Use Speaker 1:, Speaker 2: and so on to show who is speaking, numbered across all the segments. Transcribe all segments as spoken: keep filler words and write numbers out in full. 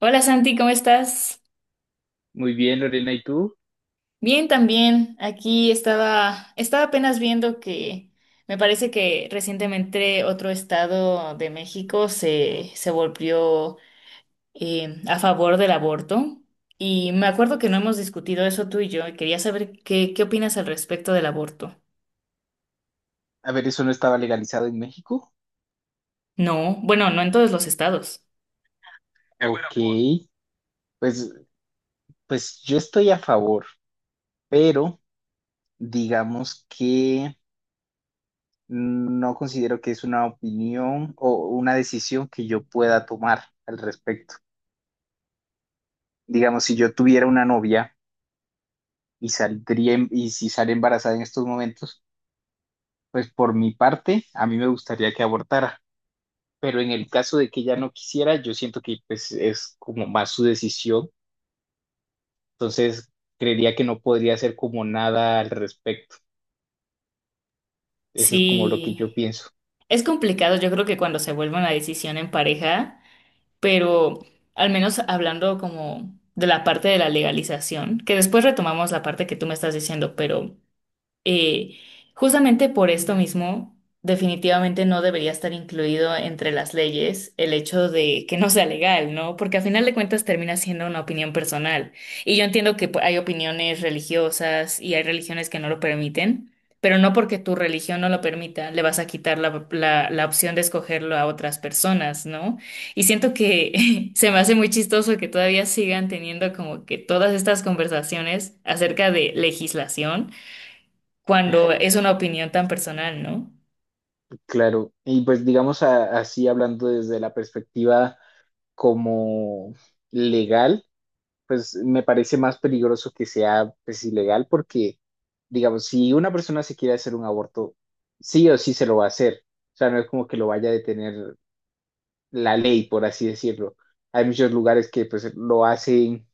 Speaker 1: Hola Santi, ¿cómo estás?
Speaker 2: Muy bien, Lorena, ¿y tú?
Speaker 1: Bien también. Aquí estaba, estaba apenas viendo que me parece que recientemente otro estado de México se, se volvió eh, a favor del aborto. Y me acuerdo que no hemos discutido eso tú y yo, y quería saber qué, qué opinas al respecto del aborto.
Speaker 2: A ver, ¿eso no estaba legalizado en México?
Speaker 1: No, bueno, no en todos los estados.
Speaker 2: Qué ok, buena voz. pues, pues yo estoy a favor, pero digamos que no considero que es una opinión o una decisión que yo pueda tomar al respecto. Digamos, si yo tuviera una novia y saldría em- y si sale embarazada en estos momentos, pues por mi parte, a mí me gustaría que abortara, pero en el caso de que ella no quisiera, yo siento que pues es como más su decisión. Entonces, creería que no podría hacer como nada al respecto. Eso es como lo que
Speaker 1: Sí,
Speaker 2: yo pienso.
Speaker 1: es complicado. Yo creo que cuando se vuelve una decisión en pareja. Pero al menos hablando como de la parte de la legalización, que después retomamos la parte que tú me estás diciendo, pero eh, justamente por esto mismo, definitivamente no debería estar incluido entre las leyes el hecho de que no sea legal, ¿no? Porque a final de cuentas termina siendo una opinión personal. Y yo entiendo que pu- hay opiniones religiosas y hay religiones que no lo permiten, pero no porque tu religión no lo permita, le vas a quitar la, la, la opción de escogerlo a otras personas, ¿no? Y siento que se me hace muy chistoso que todavía sigan teniendo como que todas estas conversaciones acerca de legislación cuando es una opinión tan personal, ¿no?
Speaker 2: Claro, y pues digamos a- así hablando desde la perspectiva como legal, pues me parece más peligroso que sea pues ilegal porque, digamos, si una persona se quiere hacer un aborto, sí o sí se lo va a hacer. O sea, no es como que lo vaya a detener la ley, por así decirlo. Hay muchos lugares que pues lo hacen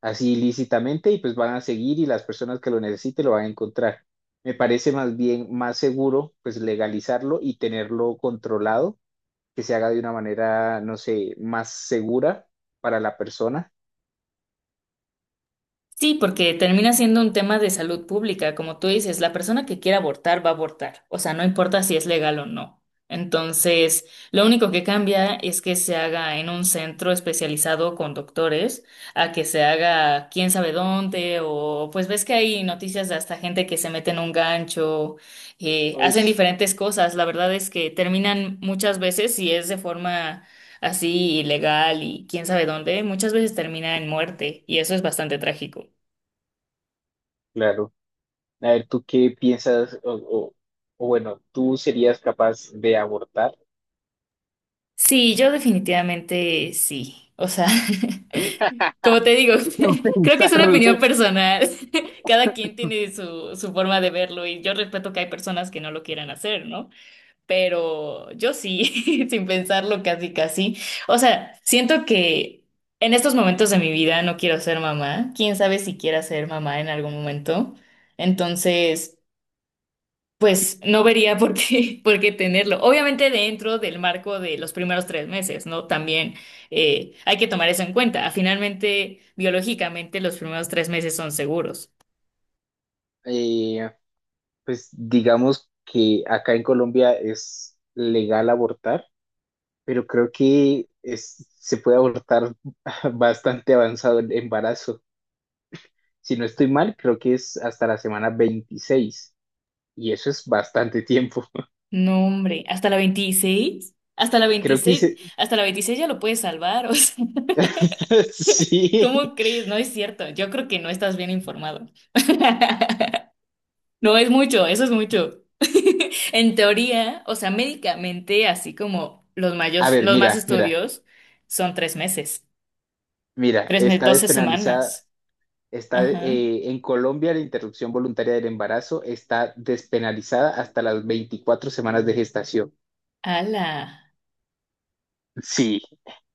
Speaker 2: así ilícitamente y pues van a seguir, y las personas que lo necesiten lo van a encontrar. Me parece más bien más seguro pues legalizarlo y tenerlo controlado, que se haga de una manera, no sé, más segura para la persona.
Speaker 1: Sí, porque termina siendo un tema de salud pública. Como tú dices, la persona que quiera abortar va a abortar. O sea, no importa si es legal o no. Entonces, lo único que cambia es que se haga en un centro especializado con doctores, a que se haga quién sabe dónde, o pues ves que hay noticias de hasta gente que se mete en un gancho, eh,
Speaker 2: Uy,
Speaker 1: hacen diferentes cosas. La verdad es que terminan muchas veces, si es de forma así ilegal y quién sabe dónde, muchas veces termina en muerte, y eso es bastante trágico.
Speaker 2: claro. A ver, ¿tú qué piensas o, o- o bueno, tú serías capaz de abortar?
Speaker 1: Sí, yo definitivamente sí. O sea, como te digo, creo que es una opinión personal. Cada quien tiene su, su forma de verlo y yo respeto que hay personas que no lo quieran hacer, ¿no? Pero yo sí, sin pensarlo casi casi. O sea, siento que en estos momentos de mi vida no quiero ser mamá. Quién sabe si quiera ser mamá en algún momento. Entonces… Pues no vería por qué, por qué tenerlo. Obviamente dentro del marco de los primeros tres meses, ¿no? También eh, hay que tomar eso en cuenta. Ah, finalmente, biológicamente, los primeros tres meses son seguros.
Speaker 2: Eh, pues digamos que acá en Colombia es legal abortar. Pero creo que es- se puede abortar bastante avanzado el embarazo. Si no estoy mal, creo que es hasta la semana veintiséis y eso es bastante tiempo.
Speaker 1: No, hombre, hasta la veintiséis hasta la
Speaker 2: Creo que
Speaker 1: veintiséis
Speaker 2: se...
Speaker 1: hasta la veintiséis ya lo puedes salvar. O sea, ¿cómo
Speaker 2: Sí.
Speaker 1: crees? No es cierto. Yo creo que no estás bien informado. No es mucho, eso es mucho. En teoría, o sea, médicamente, así como los
Speaker 2: A
Speaker 1: mayos,
Speaker 2: ver,
Speaker 1: los más
Speaker 2: mira, mira,
Speaker 1: estudios, son tres meses,
Speaker 2: mira,
Speaker 1: tres meses,
Speaker 2: está
Speaker 1: doce
Speaker 2: despenalizada.
Speaker 1: semanas.
Speaker 2: Está,
Speaker 1: Ajá.
Speaker 2: eh, en Colombia la interrupción voluntaria del embarazo está despenalizada hasta las veinticuatro semanas de gestación.
Speaker 1: ¡Hala!
Speaker 2: Sí,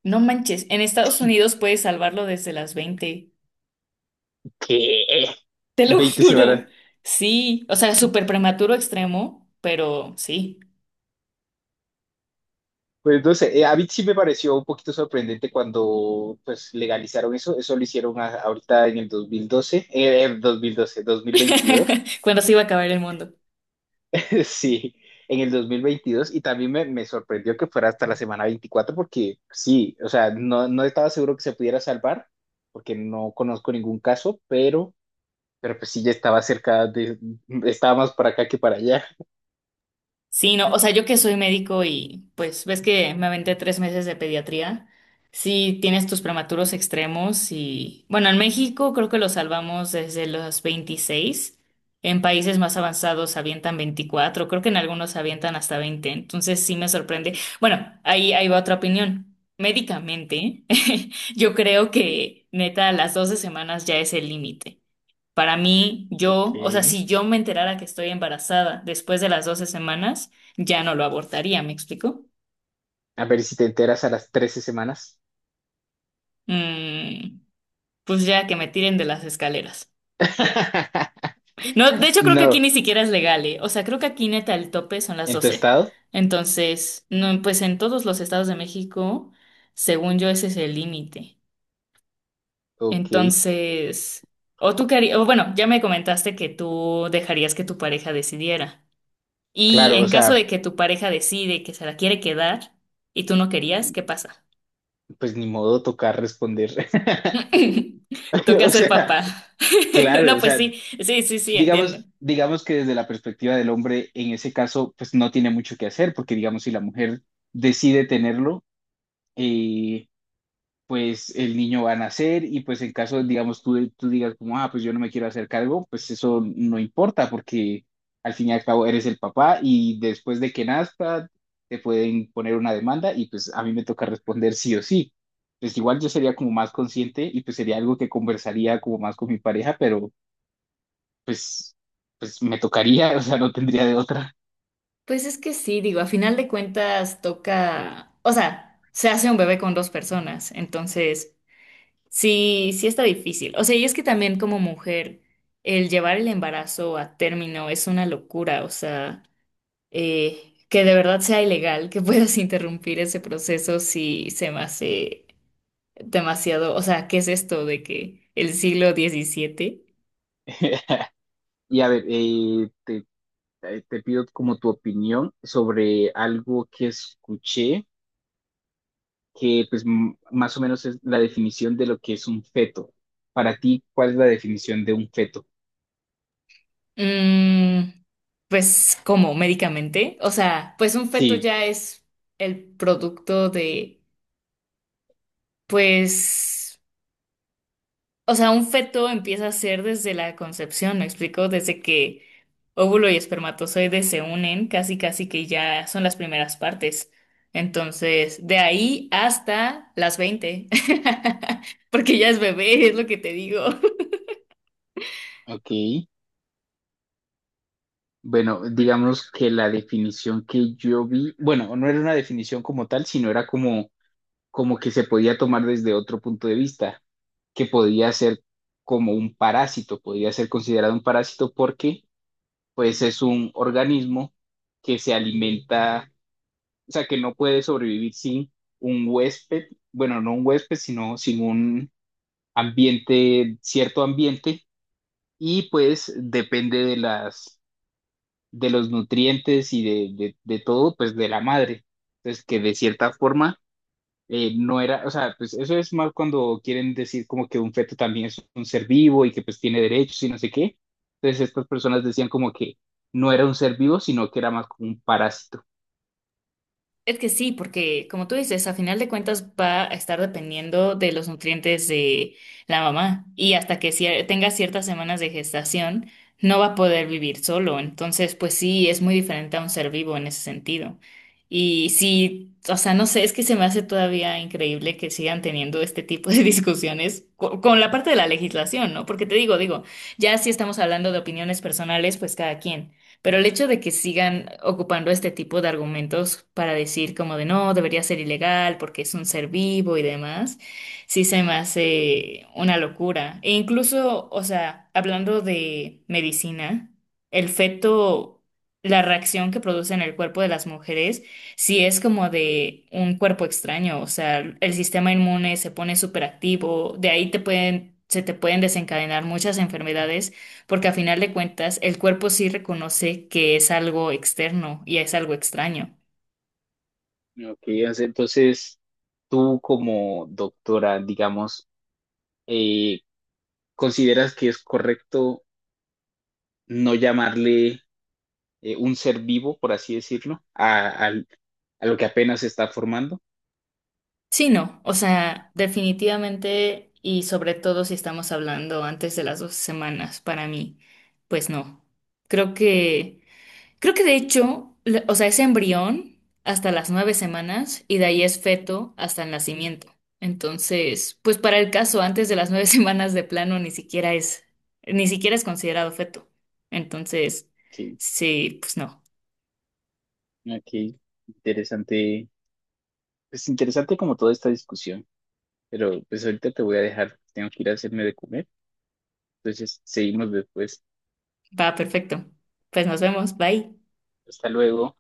Speaker 1: No manches, en Estados Unidos puedes salvarlo desde las veinte.
Speaker 2: ¿qué?
Speaker 1: Te lo
Speaker 2: Veinte semanas.
Speaker 1: juro. Sí, o sea, súper prematuro extremo, pero sí.
Speaker 2: Pues no sé, eh, a mí sí me pareció un poquito sorprendente cuando pues legalizaron eso, eso lo hicieron a- ahorita en el dos mil doce, eh, en dos dos mil doce, dos mil veintidós.
Speaker 1: Cuando se iba a acabar el mundo.
Speaker 2: Sí, en el dos mil veintidós. Y también me, me sorprendió que fuera hasta la semana veinticuatro, porque sí, o sea, no, no estaba seguro que se pudiera salvar porque no conozco ningún caso, pero, pero pues sí, ya estaba cerca de, estaba más para acá que para allá.
Speaker 1: Sí, no, o sea, yo que soy médico y pues ves que me aventé tres meses de pediatría. Sí, tienes tus prematuros extremos y bueno, en México creo que los salvamos desde los veintiséis. En países más avanzados avientan veinticuatro. Creo que en algunos avientan hasta veinte. Entonces sí me sorprende. Bueno, ahí, ahí va otra opinión. Médicamente, yo creo que neta, a las doce semanas ya es el límite. Para mí,
Speaker 2: Ok,
Speaker 1: yo, o sea, si yo me enterara que estoy embarazada después de las doce semanas, ya no lo abortaría, ¿me explico?
Speaker 2: a ver si te enteras a las trece semanas.
Speaker 1: Mm, pues ya que me tiren de las escaleras. No, de hecho creo que aquí
Speaker 2: No,
Speaker 1: ni siquiera es legal, ¿eh? O sea, creo que aquí neta el tope son las
Speaker 2: ¿en tu
Speaker 1: doce.
Speaker 2: estado?
Speaker 1: Entonces, no, pues en todos los estados de México, según yo, ese es el límite.
Speaker 2: Ok,
Speaker 1: Entonces, o tú querías, o bueno, ya me comentaste que tú dejarías que tu pareja decidiera. Y
Speaker 2: claro, o
Speaker 1: en caso de
Speaker 2: sea,
Speaker 1: que tu pareja decide que se la quiere quedar y tú no querías, ¿qué pasa?
Speaker 2: pues ni modo, tocar responder.
Speaker 1: Toca
Speaker 2: O
Speaker 1: ser
Speaker 2: sea,
Speaker 1: papá.
Speaker 2: claro,
Speaker 1: No,
Speaker 2: o
Speaker 1: pues
Speaker 2: sea,
Speaker 1: sí, sí, sí, sí, entiendo.
Speaker 2: digamos, digamos que desde la perspectiva del hombre, en ese caso, pues no tiene mucho que hacer, porque digamos, si la mujer decide tenerlo, eh, pues el niño va a nacer, y pues en caso, digamos, tú, tú digas como, ah, pues yo no me quiero hacer cargo, pues eso no importa porque al fin y al cabo eres el papá, y después de que nazca te pueden poner una demanda, y pues a mí me toca responder sí o sí. Pues igual yo sería como más consciente y pues sería algo que conversaría como más con mi pareja, pero pues, pues me tocaría, o sea, no tendría de otra.
Speaker 1: Pues es que sí, digo, a final de cuentas toca, o sea, se hace un bebé con dos personas, entonces sí, sí está difícil. O sea, y es que también como mujer, el llevar el embarazo a término es una locura, o sea, eh, que de verdad sea ilegal, que puedas interrumpir ese proceso si se me hace… demasiado, o sea, ¿qué es esto de que el siglo diecisiete?
Speaker 2: Y a ver, eh, te, eh, te pido como tu opinión sobre algo que escuché, que pues m- más o menos es la definición de lo que es un feto. Para ti, ¿cuál es la definición de un feto?
Speaker 1: Mm, pues, ¿cómo? ¿Médicamente? O sea, pues un feto
Speaker 2: Sí,
Speaker 1: ya es el producto de, pues, o sea, un feto empieza a ser desde la concepción, ¿me explico? Desde que óvulo y espermatozoide se unen, casi casi que ya son las primeras partes. Entonces, de ahí hasta las veinte, porque ya es bebé, es lo que te digo.
Speaker 2: ok. Bueno, digamos que la definición que yo vi, bueno, no era una definición como tal, sino era como, como que se podía tomar desde otro punto de vista, que podía ser como un parásito, podría ser considerado un parásito porque pues es un organismo que se alimenta. O sea, que no puede sobrevivir sin un huésped, bueno, no un huésped, sino sin un ambiente, cierto ambiente, y pues depende de las, de los nutrientes y de, de, de todo, pues de la madre. Entonces, que de cierta forma eh, no era, o sea, pues eso es mal cuando quieren decir como que un feto también es un ser vivo y que pues tiene derechos y no sé qué. Entonces, estas personas decían como que no era un ser vivo, sino que era más como un parásito.
Speaker 1: Es que sí, porque como tú dices, a final de cuentas va a estar dependiendo de los nutrientes de la mamá y hasta que cier- tenga ciertas semanas de gestación no va a poder vivir solo. Entonces, pues sí, es muy diferente a un ser vivo en ese sentido. Y sí, o sea, no sé, es que se me hace todavía increíble que sigan teniendo este tipo de discusiones co- con la parte de la legislación, ¿no? Porque te digo, digo, ya si estamos hablando de opiniones personales, pues cada quien. Pero el hecho de que sigan ocupando este tipo de argumentos para decir como de no, debería ser ilegal porque es un ser vivo y demás, sí se me hace una locura. E incluso, o sea, hablando de medicina, el feto, la reacción que produce en el cuerpo de las mujeres, sí es como de un cuerpo extraño, o sea, el sistema inmune se pone superactivo, de ahí te pueden, se te pueden desencadenar muchas enfermedades porque a final de cuentas, el cuerpo sí reconoce que es algo externo y es algo extraño.
Speaker 2: Ok, o sea, entonces tú como doctora, digamos, eh, ¿consideras que es correcto no llamarle eh, un ser vivo, por así decirlo, a, al- a lo que apenas se está formando?
Speaker 1: Sí, no, o sea, definitivamente y sobre todo si estamos hablando antes de las dos semanas, para mí, pues no. Creo que Creo que de hecho, le- o sea, es embrión hasta las nueve semanas y de ahí es feto hasta el nacimiento. Entonces, pues para el caso, antes de las nueve semanas de plano ni siquiera es, ni siquiera es considerado feto. Entonces,
Speaker 2: Que
Speaker 1: sí, pues no,
Speaker 2: ok, interesante, es interesante como toda esta discusión, pero pues ahorita te voy a dejar, tengo que ir a hacerme de comer, entonces seguimos después.
Speaker 1: va perfecto. Pues nos vemos, bye.
Speaker 2: Hasta luego.